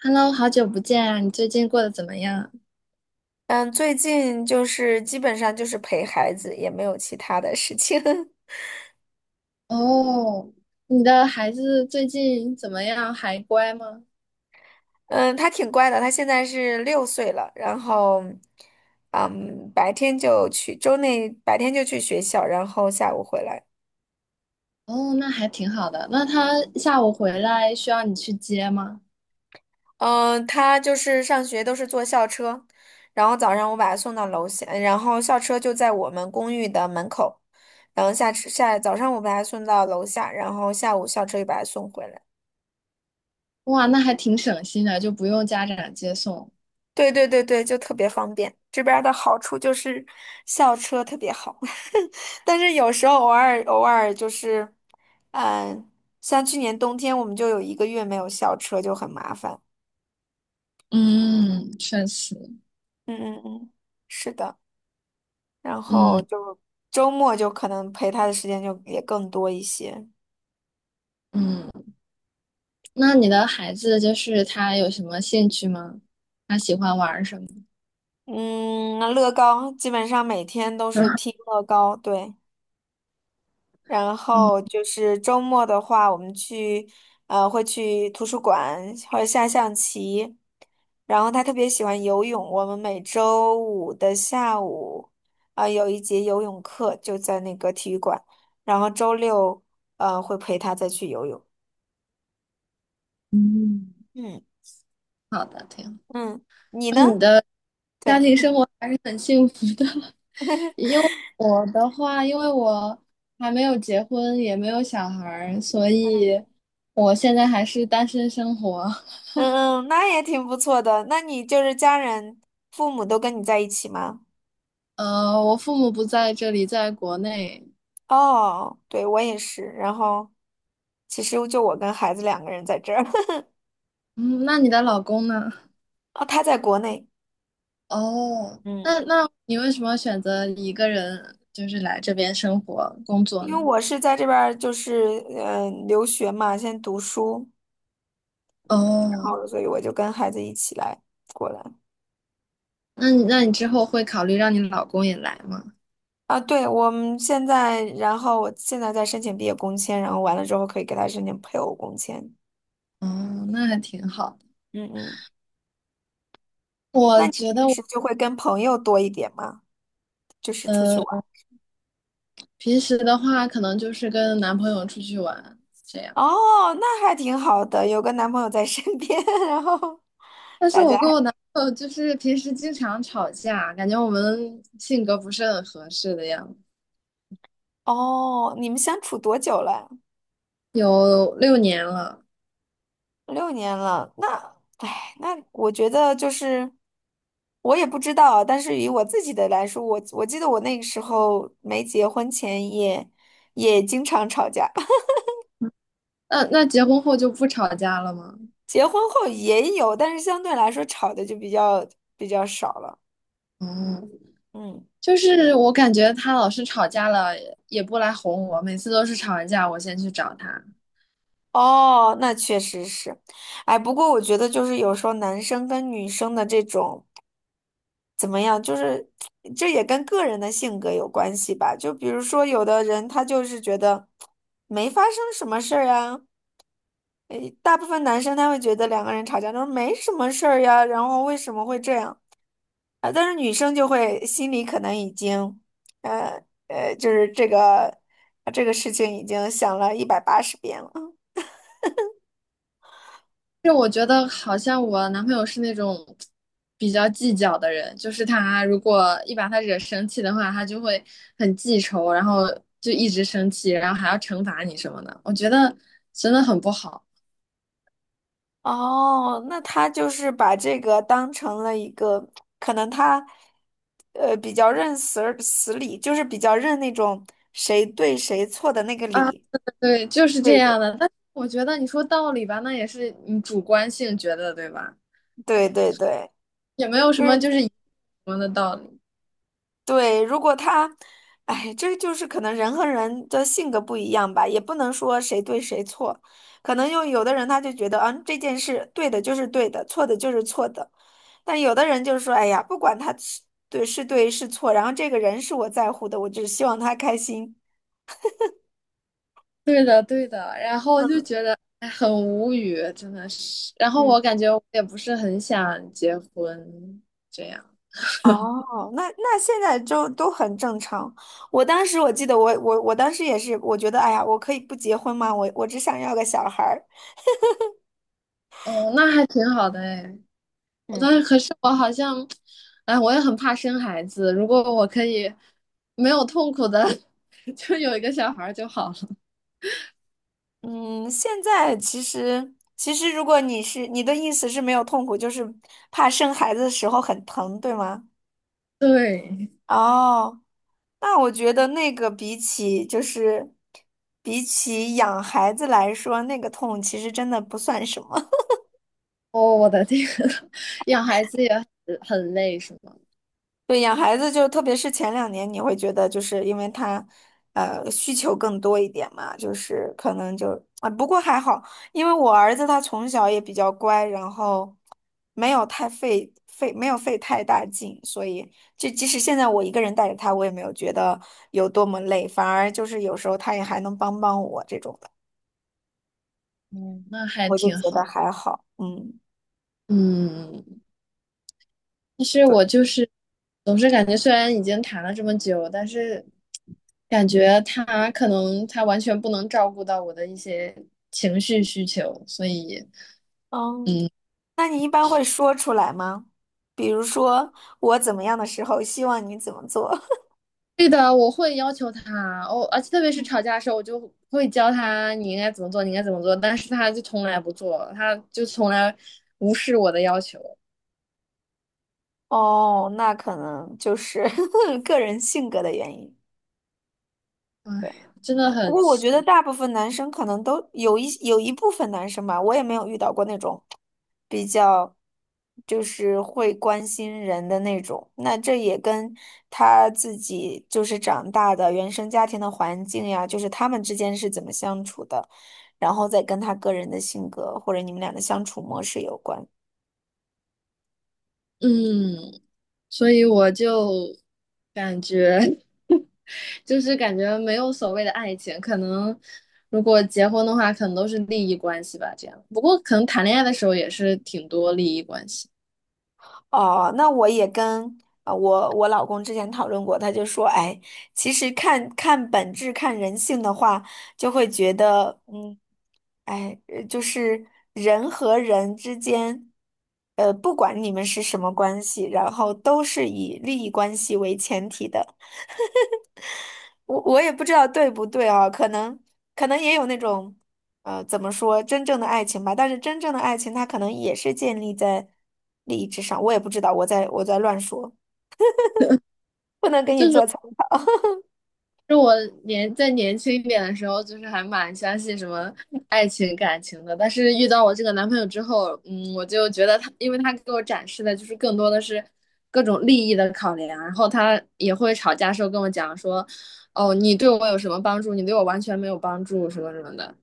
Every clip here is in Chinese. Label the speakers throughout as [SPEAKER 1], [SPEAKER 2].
[SPEAKER 1] Hello，好久不见啊！你最近过得怎么样？
[SPEAKER 2] 嗯，最近就是基本上就是陪孩子，也没有其他的事情。
[SPEAKER 1] 哦，你的孩子最近怎么样？还乖吗？
[SPEAKER 2] 嗯，他挺乖的，他现在是6岁了，然后，嗯，白天就去，周内白天就去学校，然后下午回来。
[SPEAKER 1] 哦，那还挺好的。那他下午回来需要你去接吗？
[SPEAKER 2] 嗯，他就是上学都是坐校车，然后早上我把他送到楼下，然后校车就在我们公寓的门口，然后下早上我把他送到楼下，然后下午校车又把他送回来。
[SPEAKER 1] 哇，那还挺省心的，就不用家长接送。
[SPEAKER 2] 对对对对，就特别方便。这边儿的好处就是校车特别好。但是有时候偶尔就是，嗯，像去年冬天我们就有1个月没有校车，就很麻烦。
[SPEAKER 1] 嗯，确实。
[SPEAKER 2] 嗯嗯嗯，是的。然
[SPEAKER 1] 嗯
[SPEAKER 2] 后就周末就可能陪他的时间就也更多一些。
[SPEAKER 1] 嗯，那你的孩子就是他有什么兴趣吗？他喜欢玩儿什么？
[SPEAKER 2] 嗯，乐高基本上每天都是拼 乐高，对。然
[SPEAKER 1] 哦，
[SPEAKER 2] 后就是周末的话，我们去会去图书馆或者下象棋。然后他特别喜欢游泳，我们每周五的下午有一节游泳课就在那个体育馆，然后周六会陪他再去游泳。
[SPEAKER 1] 嗯，
[SPEAKER 2] 嗯
[SPEAKER 1] 好的，挺好。
[SPEAKER 2] 嗯，你
[SPEAKER 1] 那
[SPEAKER 2] 呢？
[SPEAKER 1] 你的家
[SPEAKER 2] 对，
[SPEAKER 1] 庭生活还是很幸福的。因为我的话，因为我还没有结婚，也没有小孩儿，所
[SPEAKER 2] 嗯
[SPEAKER 1] 以我现在还是单身生活。
[SPEAKER 2] 嗯，那也挺不错的。那你就是家人、父母都跟你在一起吗？
[SPEAKER 1] 我父母不在这里，在国内。
[SPEAKER 2] 哦，对，我也是。然后其实就我跟孩子两个人在这儿。
[SPEAKER 1] 嗯，那你的老公呢？
[SPEAKER 2] 哦，他在国内，
[SPEAKER 1] 哦，
[SPEAKER 2] 嗯，
[SPEAKER 1] 那你为什么选择一个人就是来这边生活工作
[SPEAKER 2] 因为
[SPEAKER 1] 呢？
[SPEAKER 2] 我是在这边儿就是留学嘛，先读书，然
[SPEAKER 1] 哦，
[SPEAKER 2] 后所以我就跟孩子一起来过来。
[SPEAKER 1] 那你之后会考虑让你老公也来吗？
[SPEAKER 2] 啊，对，我们现在，然后我现在在申请毕业工签，然后完了之后可以给他申请配偶工签。
[SPEAKER 1] 哦，那还挺好的。
[SPEAKER 2] 嗯嗯，
[SPEAKER 1] 我
[SPEAKER 2] 那你
[SPEAKER 1] 觉
[SPEAKER 2] 平
[SPEAKER 1] 得我。
[SPEAKER 2] 时就会跟朋友多一点吗？就是出去玩。
[SPEAKER 1] 呃平时的话，可能就是跟男朋友出去玩这样。
[SPEAKER 2] 哦，那还挺好的，有个男朋友在身边。然后
[SPEAKER 1] 但是
[SPEAKER 2] 大家。
[SPEAKER 1] 我跟我男朋友就是平时经常吵架，感觉我们性格不是很合适的样子。
[SPEAKER 2] 哦，你们相处多久了？
[SPEAKER 1] 有六年了，
[SPEAKER 2] 6年了。那，哎，那我觉得就是，我也不知道，但是以我自己的来说，我记得我那个时候没结婚前也经常吵架。
[SPEAKER 1] 那结婚后就不吵架了吗？
[SPEAKER 2] 结婚后也有，但是相对来说吵的就比较少了。
[SPEAKER 1] 哦，
[SPEAKER 2] 嗯，
[SPEAKER 1] 就是我感觉他老是吵架了，也不来哄我，每次都是吵完架我先去找他，
[SPEAKER 2] 哦，那确实是，哎，不过我觉得就是有时候男生跟女生的这种。怎么样？就是这也跟个人的性格有关系吧。就比如说，有的人他就是觉得没发生什么事儿啊。诶，大部分男生他会觉得两个人吵架都是没什么事儿呀，然后为什么会这样啊？但是女生就会心里可能已经，呃就是这个事情已经想了180遍了。
[SPEAKER 1] 就我觉得好像我男朋友是那种比较计较的人，就是他如果一把他惹生气的话，他就会很记仇，然后就一直生气，然后还要惩罚你什么的，我觉得真的很不好
[SPEAKER 2] 哦，那他就是把这个当成了一个，可能他，比较认死儿死理，就是比较认那种谁对谁错的那个
[SPEAKER 1] 啊。
[SPEAKER 2] 理。
[SPEAKER 1] 对，就是这
[SPEAKER 2] 对对
[SPEAKER 1] 样的。但是我觉得你说道理吧，那也是你主观性觉得，对吧？
[SPEAKER 2] 对对
[SPEAKER 1] 也没有什么
[SPEAKER 2] 对，
[SPEAKER 1] 就是一什么的道理。
[SPEAKER 2] 对，如果他，哎，这就是可能人和人的性格不一样吧，也不能说谁对谁错，可能就有的人他就觉得，嗯，这件事对的就是对的，错的就是错的，但有的人就是说，哎呀，不管他是对是错，然后这个人是我在乎的，我只希望他开心。
[SPEAKER 1] 对的，对的，然后就觉得哎很无语，真的是。然后
[SPEAKER 2] 嗯，
[SPEAKER 1] 我感觉我也不是很想结婚，这样。
[SPEAKER 2] 哦，那那现在就都很正常。我当时我记得我当时也是，我觉得哎呀，我可以不结婚吗？我只想要个小孩儿。
[SPEAKER 1] 哦，那还挺好的哎。但
[SPEAKER 2] 嗯。
[SPEAKER 1] 是可是我好像，哎，我也很怕生孩子。如果我可以没有痛苦的，就有一个小孩儿就好了。
[SPEAKER 2] 嗯，现在其实，如果你是你的意思是没有痛苦，就是怕生孩子的时候很疼，对吗？
[SPEAKER 1] 对，
[SPEAKER 2] 哦，那我觉得那个比起养孩子来说，那个痛其实真的不算什么。
[SPEAKER 1] 哦，我的天，养孩子也很累，是吗？
[SPEAKER 2] 对，养孩子就特别是前2年，你会觉得就是因为他，需求更多一点嘛，就是可能就啊，不过还好，因为我儿子他从小也比较乖，然后没有太费费没有费太大劲，所以就即使现在我一个人带着他，我也没有觉得有多么累，反而就是有时候他也还能帮帮我这种的，
[SPEAKER 1] 嗯，那还
[SPEAKER 2] 我就
[SPEAKER 1] 挺
[SPEAKER 2] 觉得
[SPEAKER 1] 好。
[SPEAKER 2] 还好，嗯。
[SPEAKER 1] 嗯，其实我
[SPEAKER 2] 对。
[SPEAKER 1] 就是总是感觉，虽然已经谈了这么久，但是感觉他可能他完全不能照顾到我的一些情绪需求，所以，
[SPEAKER 2] 哦，
[SPEAKER 1] 嗯，
[SPEAKER 2] 那你一般会说出来吗？比如说我怎么样的时候，希望你怎么做？
[SPEAKER 1] 对的，我会要求他，哦，而且特别是吵 架的时候，我就会教他你应该怎么做，你应该怎么做，但是他就从来不做，他就从来无视我的要求，
[SPEAKER 2] 哦，那可能就是 个人性格的原因。
[SPEAKER 1] 唉，
[SPEAKER 2] 对，
[SPEAKER 1] 真的
[SPEAKER 2] 不
[SPEAKER 1] 很
[SPEAKER 2] 过我
[SPEAKER 1] 奇，
[SPEAKER 2] 觉得大部分男生可能都有一部分男生吧，我也没有遇到过那种就是会关心人的那种。那这也跟他自己就是长大的原生家庭的环境呀，就是他们之间是怎么相处的，然后再跟他个人的性格或者你们俩的相处模式有关。
[SPEAKER 1] 嗯，所以我就感觉。就是感觉没有所谓的爱情，可能如果结婚的话，可能都是利益关系吧。这样，不过可能谈恋爱的时候也是挺多利益关系。
[SPEAKER 2] 哦，那我也跟我老公之前讨论过，他就说，哎，其实看看本质、看人性的话，就会觉得，嗯，哎，就是人和人之间，不管你们是什么关系，然后都是以利益关系为前提的。我也不知道对不对啊，可能也有那种，怎么说，真正的爱情吧。但是真正的爱情，它可能也是建立在利益之上。我也不知道，我在乱说，不能给你
[SPEAKER 1] 就是
[SPEAKER 2] 做参。
[SPEAKER 1] 就我在年轻一点的时候，就是还蛮相信什么爱情感情的，但是遇到我这个男朋友之后，嗯，我就觉得他，因为他给我展示的就是更多的是各种利益的考量，然后他也会吵架时候跟我讲说，哦，你对我有什么帮助，你对我完全没有帮助，什么什么的。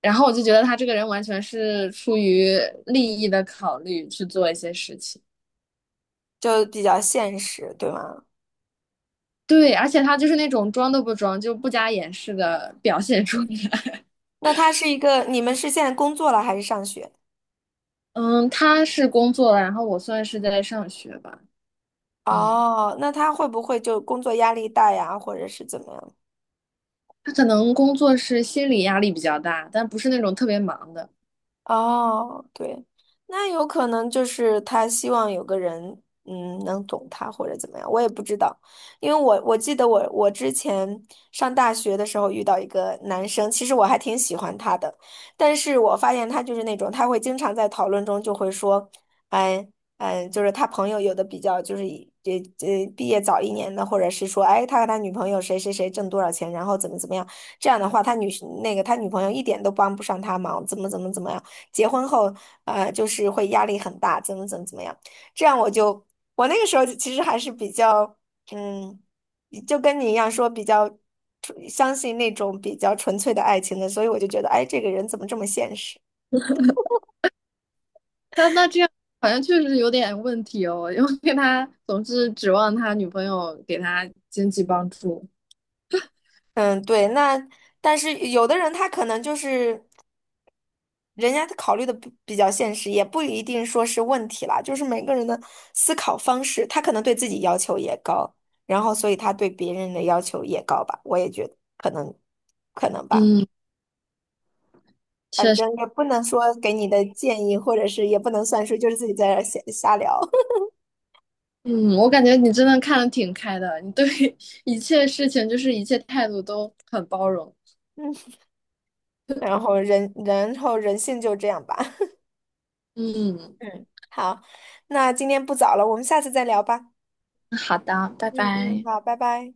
[SPEAKER 1] 然后我就觉得他这个人完全是出于利益的考虑去做一些事情。
[SPEAKER 2] 就比较现实，对吗？
[SPEAKER 1] 对，而且他就是那种装都不装，就不加掩饰的表现出来。
[SPEAKER 2] 那他是一个，你们是现在工作了还是上学？
[SPEAKER 1] 嗯，他是工作了，然后我算是在上学吧。嗯，
[SPEAKER 2] 哦，那他会不会就工作压力大呀，或者是怎么样？
[SPEAKER 1] 他可能工作是心理压力比较大，但不是那种特别忙的。
[SPEAKER 2] 哦，对，那有可能就是他希望有个人，嗯，能懂他或者怎么样，我也不知道，因为我记得我之前上大学的时候遇到一个男生，其实我还挺喜欢他的，但是我发现他就是那种他会经常在讨论中就会说，哎。嗯，就是他朋友有的比较就是以毕业早1年的，或者是说，哎，他和他女朋友谁谁谁挣多少钱，然后怎么怎么样，这样的话，那个他女朋友一点都帮不上他忙，怎么怎么怎么样。结婚后，就是会压力很大，怎么怎么怎么样。这样我就，我那个时候其实还是比较，嗯，就跟你一样说比较纯相信那种比较纯粹的爱情的，所以我就觉得，哎，这个人怎么这么现实？
[SPEAKER 1] 那这样好像确实有点问题哦，因为他总是指望他女朋友给他经济帮助。
[SPEAKER 2] 嗯，对，那但是有的人他可能就是。人家考虑的比较现实，也不一定说是问题啦，就是每个人的思考方式，他可能对自己要求也高，然后所以他对别人的要求也高吧，我也觉得可能，可能吧，
[SPEAKER 1] 嗯，
[SPEAKER 2] 反
[SPEAKER 1] 确实。
[SPEAKER 2] 正也不能说给你的建议，或者是也不能算数，就是自己在这儿瞎聊。
[SPEAKER 1] 嗯，我感觉你真的看得挺开的，你对 一切事情就是一切态度都很包容。
[SPEAKER 2] 嗯，然后人，然后人性就这样吧，
[SPEAKER 1] 嗯，
[SPEAKER 2] 嗯，好，那今天不早了，我们下次再聊吧，
[SPEAKER 1] 好的，拜
[SPEAKER 2] 嗯嗯，
[SPEAKER 1] 拜。
[SPEAKER 2] 好，拜拜。